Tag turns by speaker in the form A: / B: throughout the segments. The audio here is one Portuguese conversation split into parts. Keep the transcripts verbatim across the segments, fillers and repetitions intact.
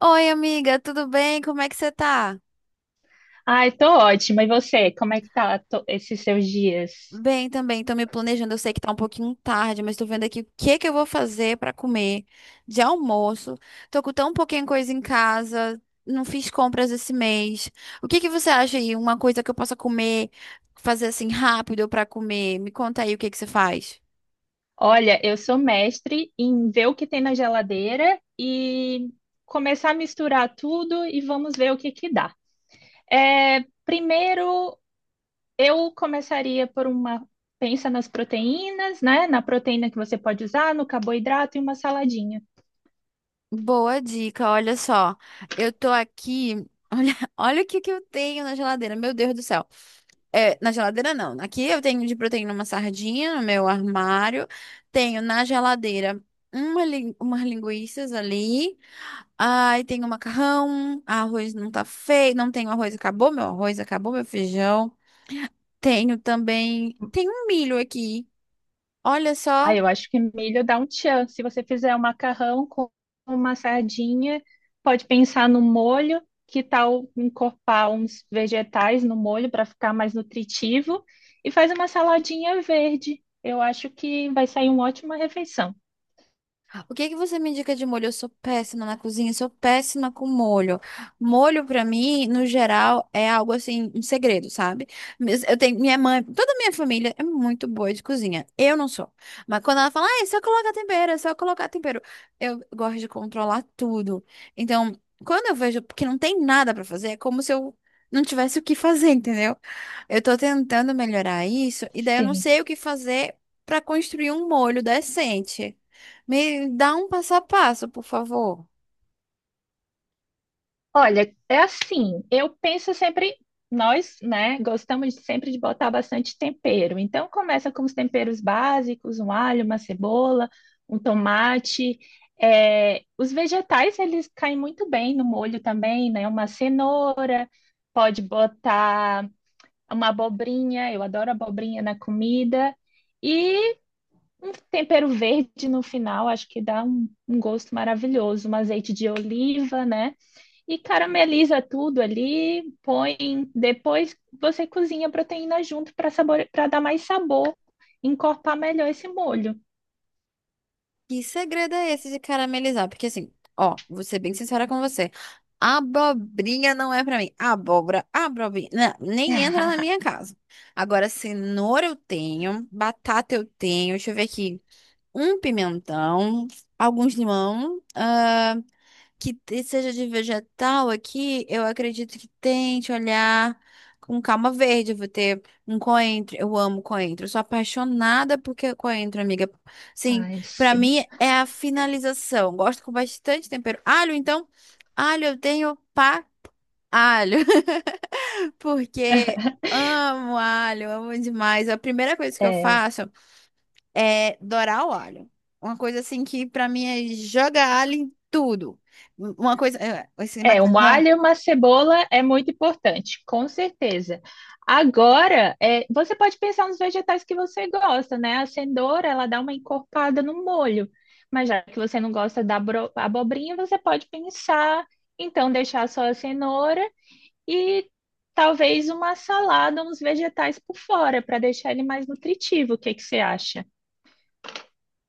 A: Oi, amiga, tudo bem? Como é que você tá?
B: Ai, tô ótima. E você, como é que tá to- esses seus dias?
A: Bem também, tô me planejando. Eu sei que tá um pouquinho tarde, mas tô vendo aqui o que que eu vou fazer pra comer de almoço. Tô com tão pouquinha coisa em casa, não fiz compras esse mês. O que que você acha aí? Uma coisa que eu possa comer, fazer assim rápido pra comer? Me conta aí o que que você faz.
B: Olha, eu sou mestre em ver o que tem na geladeira e começar a misturar tudo e vamos ver o que que dá. É, primeiro, eu começaria por uma, pensa nas proteínas, né? Na proteína que você pode usar, no carboidrato e uma saladinha.
A: Boa dica, olha só. Eu tô aqui. Olha, olha o que que eu tenho na geladeira, meu Deus do céu. É, na geladeira não. Aqui eu tenho de proteína uma sardinha no meu armário. Tenho na geladeira uma, lin- umas linguiças ali. Ai, tenho macarrão. Arroz não tá feio. Não tenho arroz, acabou meu arroz, acabou meu feijão. Tenho também. Tem um milho aqui. Olha
B: Ah,
A: só.
B: eu acho que milho dá um tchan. Se você fizer um macarrão com uma sardinha, pode pensar no molho, que tal encorpar uns vegetais no molho para ficar mais nutritivo e faz uma saladinha verde. Eu acho que vai sair uma ótima refeição.
A: O que que você me indica de molho? Eu sou péssima na cozinha, sou péssima com molho. Molho, pra mim, no geral, é algo assim, um segredo, sabe? Mas eu tenho minha mãe, toda a minha família é muito boa de cozinha. Eu não sou. Mas quando ela fala, ah, é só colocar tempero, é só colocar tempero. Eu gosto de controlar tudo. Então, quando eu vejo que não tem nada pra fazer, é como se eu não tivesse o que fazer, entendeu? Eu tô tentando melhorar isso, e daí eu não
B: Sim.
A: sei o que fazer pra construir um molho decente. Me dá um passo a passo, por favor.
B: Olha, é assim, eu penso sempre, nós, né, gostamos de- sempre de botar bastante tempero. Então, começa com os temperos básicos, um alho, uma cebola, um tomate. É, os vegetais, eles caem muito bem no molho também, né? Uma cenoura, pode botar uma abobrinha, eu adoro abobrinha na comida. E um tempero verde no final, acho que dá um um gosto maravilhoso. Um azeite de oliva, né? E carameliza tudo ali, põe. Depois você cozinha a proteína junto para sabor, para dar mais sabor, encorpar melhor esse molho.
A: Que segredo é esse de caramelizar? Porque assim, ó, vou ser bem sincera com você. Abobrinha não é pra mim. Abóbora, abobrinha, não, nem entra na minha casa. Agora, cenoura eu tenho, batata eu tenho, deixa eu ver aqui. Um pimentão, alguns limão, ah, que te- seja de vegetal aqui, eu acredito que tente olhar com calma verde. Eu vou ter um coentro. Eu amo coentro. Eu sou apaixonada por que- coentro, amiga. Sim,
B: Ai,
A: pra
B: sim.
A: mim é a finalização. Gosto com bastante tempero. Alho, então, alho eu tenho pra alho, porque amo alho, amo demais. É a primeira coisa que eu
B: É,
A: faço é dourar o alho. Uma coisa assim que pra mim é jogar alho em tudo. Uma coisa, é, esse
B: é, um
A: macarrão,
B: alho e uma cebola é muito importante, com certeza. Agora, é, você pode pensar nos vegetais que você gosta, né? A cenoura, ela dá uma encorpada no molho. Mas já que você não gosta da abro- abobrinha, você pode pensar, então, deixar só a cenoura e talvez uma salada, uns vegetais por fora, para deixar ele mais nutritivo. O que que você acha?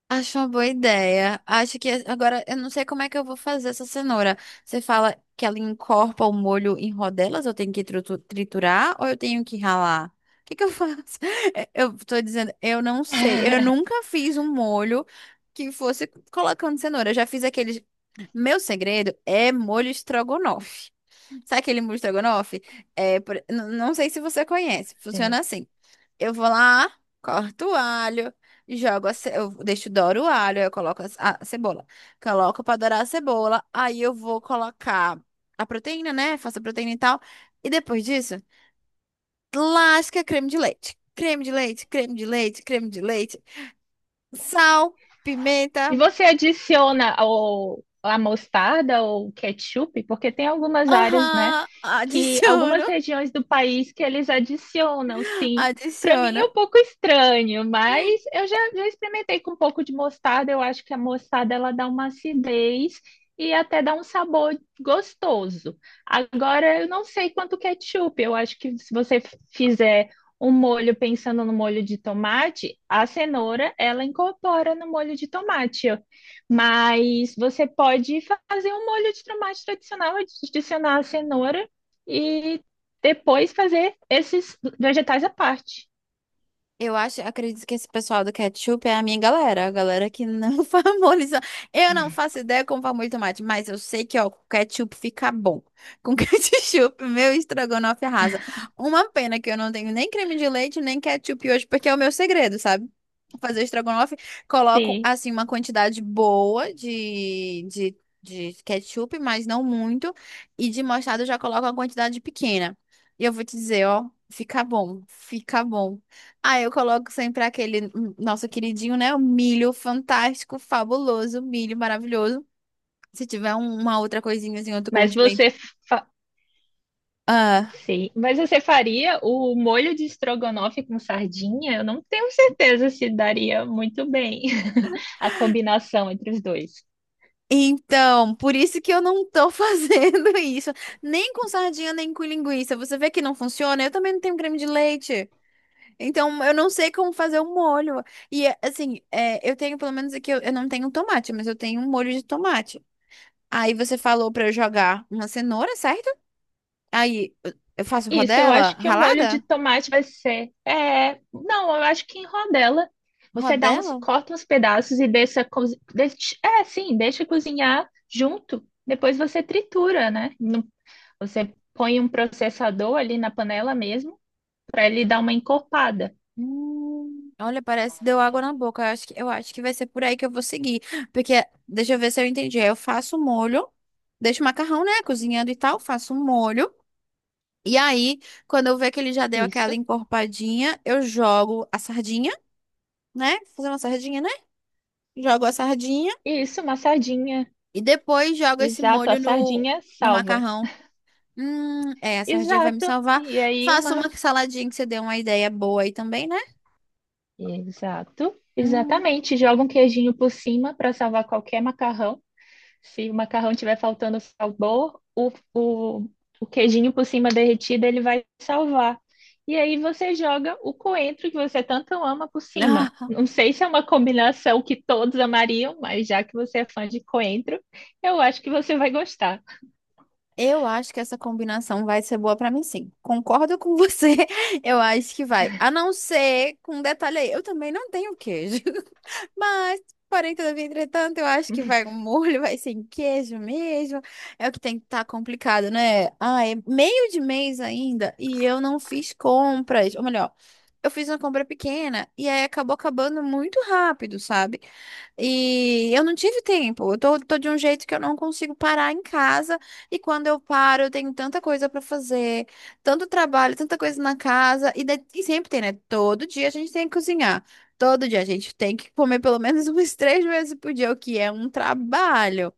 A: acho uma boa ideia. Acho que agora eu não sei como é que eu vou fazer essa cenoura. Você fala que ela encorpa o molho em rodelas, eu tenho que tritu- triturar ou eu tenho que ralar? O que que eu faço? É, eu tô dizendo, eu não sei. Eu nunca fiz um molho que fosse colocando cenoura. Eu já fiz aqueles. Meu segredo é molho estrogonofe. Sabe aquele mousse estrogonofe? É, por- n- não sei se você conhece. Funciona assim. Eu vou lá, corto o alho, jogo a ce... eu deixo dourar o alho, aí eu coloco a ce- a cebola. Coloco para dourar a cebola, aí eu vou colocar a proteína, né? Faço a proteína e tal. E depois disso, lasca creme de leite. Creme de leite, creme de leite, creme de leite. Sal,
B: E
A: pimenta.
B: você adiciona o, a mostarda ou ketchup, porque tem algumas áreas, né,
A: Aham,
B: que
A: adiciono,
B: algumas regiões do país que eles adicionam, sim. Para mim é
A: adiciono.
B: um pouco estranho, mas eu já, já experimentei com um pouco de mostarda. Eu acho que a mostarda ela dá uma acidez e até dá um sabor gostoso. Agora eu não sei quanto ketchup. Eu acho que se você fizer o molho, pensando no molho de tomate, a cenoura ela incorpora no molho de tomate, ó. Mas você pode fazer um molho de tomate tradicional, adicionar a cenoura e depois fazer esses vegetais à parte.
A: Eu acho, acredito que esse pessoal do ketchup é a minha galera, a galera que não famoliza. Eu não faço ideia como famulho tomate, mas eu sei que, ó, com ketchup fica bom. Com ketchup, meu estrogonofe arrasa. Uma pena que eu não tenho nem creme de leite, nem ketchup hoje, porque é o meu segredo, sabe? Fazer estrogonofe, coloco,
B: Sim,
A: assim, uma quantidade boa de, de, de ketchup, mas não muito. E de mostarda eu já coloco uma quantidade pequena. E eu vou te dizer, ó, fica bom, fica bom. Ah, eu coloco sempre aquele hum, nosso queridinho, né? O milho fantástico, fabuloso, milho maravilhoso. Se tiver um- uma outra coisinha assim, outro
B: mas
A: condimento.
B: você fa-
A: Ah,
B: Sim, mas você faria o molho de estrogonofe com sardinha? Eu não tenho certeza se daria muito bem a combinação entre os dois.
A: então, por isso que eu não tô fazendo isso. Nem com sardinha, nem com linguiça. Você vê que não funciona? Eu também não tenho creme de leite. Então, eu não sei como fazer o molho. E, é, assim, é, eu tenho, pelo menos aqui, eu, eu não tenho tomate, mas eu tenho um molho de tomate. Aí você falou pra eu jogar uma cenoura, certo? Aí eu faço
B: Isso, eu
A: rodela
B: acho que o molho de
A: ralada?
B: tomate vai ser. É, não, eu acho que em rodela. Você dá uns,
A: Rodela?
B: corta uns pedaços e deixa, cozi- deixa- é, sim, deixa cozinhar junto. Depois você tritura, né? Não. Você põe um processador ali na panela mesmo para ele dar uma encorpada.
A: Hum, olha, parece que deu água na boca. Eu acho que, eu acho que vai ser por aí que eu vou seguir. Porque, deixa eu ver se eu entendi. Aí eu faço o molho, deixo o macarrão, né, cozinhando e tal, faço o molho. E aí, quando eu ver que ele já deu aquela
B: Isso.
A: encorpadinha, eu jogo a sardinha, né? Fazer uma sardinha, né? Jogo a sardinha
B: Isso, uma sardinha.
A: e depois jogo esse
B: Exato, a
A: molho no,
B: sardinha
A: no
B: salva.
A: macarrão. Hum, é, a sardinha vai me
B: Exato.
A: salvar.
B: E aí
A: Faça
B: uma.
A: uma saladinha que você deu uma ideia boa aí também, né?
B: Exato.
A: Hum.
B: Exatamente. Joga um queijinho por cima para salvar qualquer macarrão. Se o macarrão tiver faltando sabor, o, o, o queijinho por cima derretido ele vai salvar. E aí você joga o coentro que você tanto ama por cima.
A: Ah,
B: Não sei se é uma combinação que todos amariam, mas já que você é fã de coentro, eu acho que você vai gostar.
A: eu acho que essa combinação vai ser boa pra mim, sim. Concordo com você. Eu acho que vai. A não ser com um detalhe aí. Eu também não tenho queijo. Mas, porém, todavia, entretanto, eu acho que vai um molho, vai sem queijo mesmo. É o que tem que estar complicado, né? Ah, é meio de mês ainda e eu não fiz compras. Ou melhor, eu fiz uma compra pequena e aí acabou acabando muito rápido, sabe? E eu não tive tempo. Eu tô, tô de um jeito que eu não consigo parar em casa. E quando eu paro, eu tenho tanta coisa pra fazer, tanto trabalho, tanta coisa na casa. E, de- e sempre tem, né? Todo dia a gente tem que cozinhar. Todo dia a gente tem que comer pelo menos umas três vezes por dia, o que é um trabalho.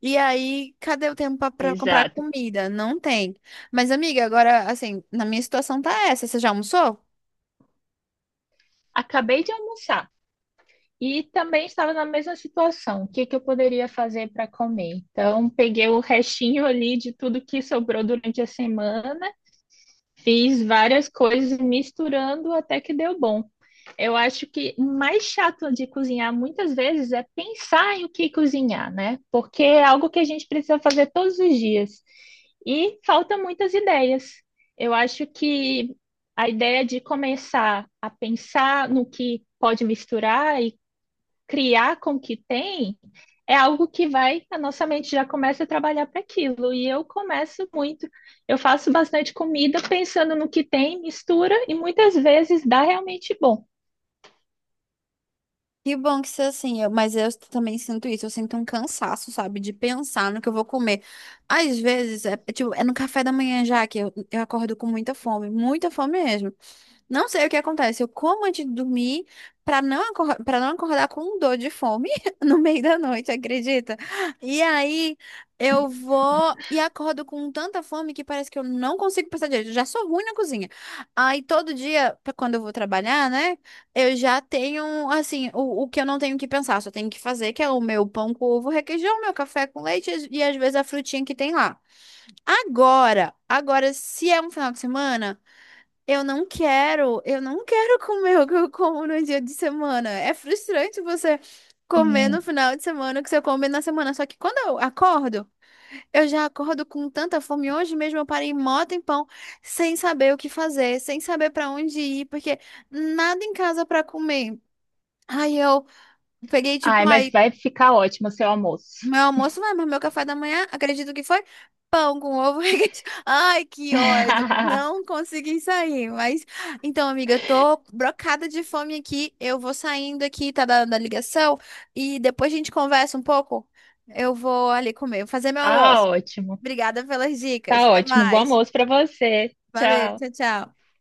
A: E aí, cadê o tempo para comprar
B: Exato.
A: comida? Não tem. Mas, amiga, agora, assim, na minha situação tá essa. Você já almoçou?
B: Acabei de almoçar e também estava na mesma situação. O que que eu poderia fazer para comer? Então, peguei o restinho ali de tudo que sobrou durante a semana. Fiz várias coisas misturando até que deu bom. Eu acho que o mais chato de cozinhar muitas vezes é pensar em o que cozinhar, né? Porque é algo que a gente precisa fazer todos os dias. E faltam muitas ideias. Eu acho que a ideia de começar a pensar no que pode misturar e criar com o que tem é algo que vai, a nossa mente já começa a trabalhar para aquilo. E eu começo muito, eu faço bastante comida pensando no que tem, mistura e muitas vezes dá realmente bom.
A: Que bom que você, assim, eu- mas eu também sinto isso. Eu sinto um cansaço, sabe, de pensar no que eu vou comer. Às vezes, é, é tipo, é no café da manhã já que eu, eu acordo com muita fome, muita fome mesmo. Não sei o que acontece. Eu como antes de dormir para não para não acordar com dor de fome no meio da noite, acredita? E aí eu vou e acordo com tanta fome que parece que eu não consigo pensar direito. Eu já sou ruim na cozinha. Aí todo dia, pra quando eu vou trabalhar, né, eu já tenho assim, o, o que eu não tenho que pensar, só tenho que fazer, que é o meu pão com ovo, requeijão, meu café com leite e às vezes a frutinha que tem lá. Agora, agora, se é um final de semana. Eu não quero, eu não quero comer o que eu como no dia de semana. É frustrante você comer
B: Sim.
A: no final de semana o que você come na semana. Só que quando eu acordo, eu já acordo com tanta fome. Hoje mesmo eu parei mó tempão sem saber o que fazer, sem saber pra onde ir, porque nada em casa pra comer. Aí eu peguei, tipo,
B: Ai, mas
A: ai,
B: vai ficar ótimo o seu almoço.
A: meu almoço vai, mas meu café da manhã, acredito que foi pão com ovo. Requeijão. Ai, que ódio. Não consegui sair, mas então, amiga, eu tô brocada de fome aqui. Eu vou saindo aqui, tá dando a ligação e depois a gente conversa um pouco. Eu vou ali comer, fazer meu
B: Tá
A: almoço.
B: ótimo,
A: Obrigada pelas dicas.
B: tá
A: Até
B: ótimo. Bom
A: mais.
B: almoço para você.
A: Valeu,
B: Tchau.
A: tchau, tchau.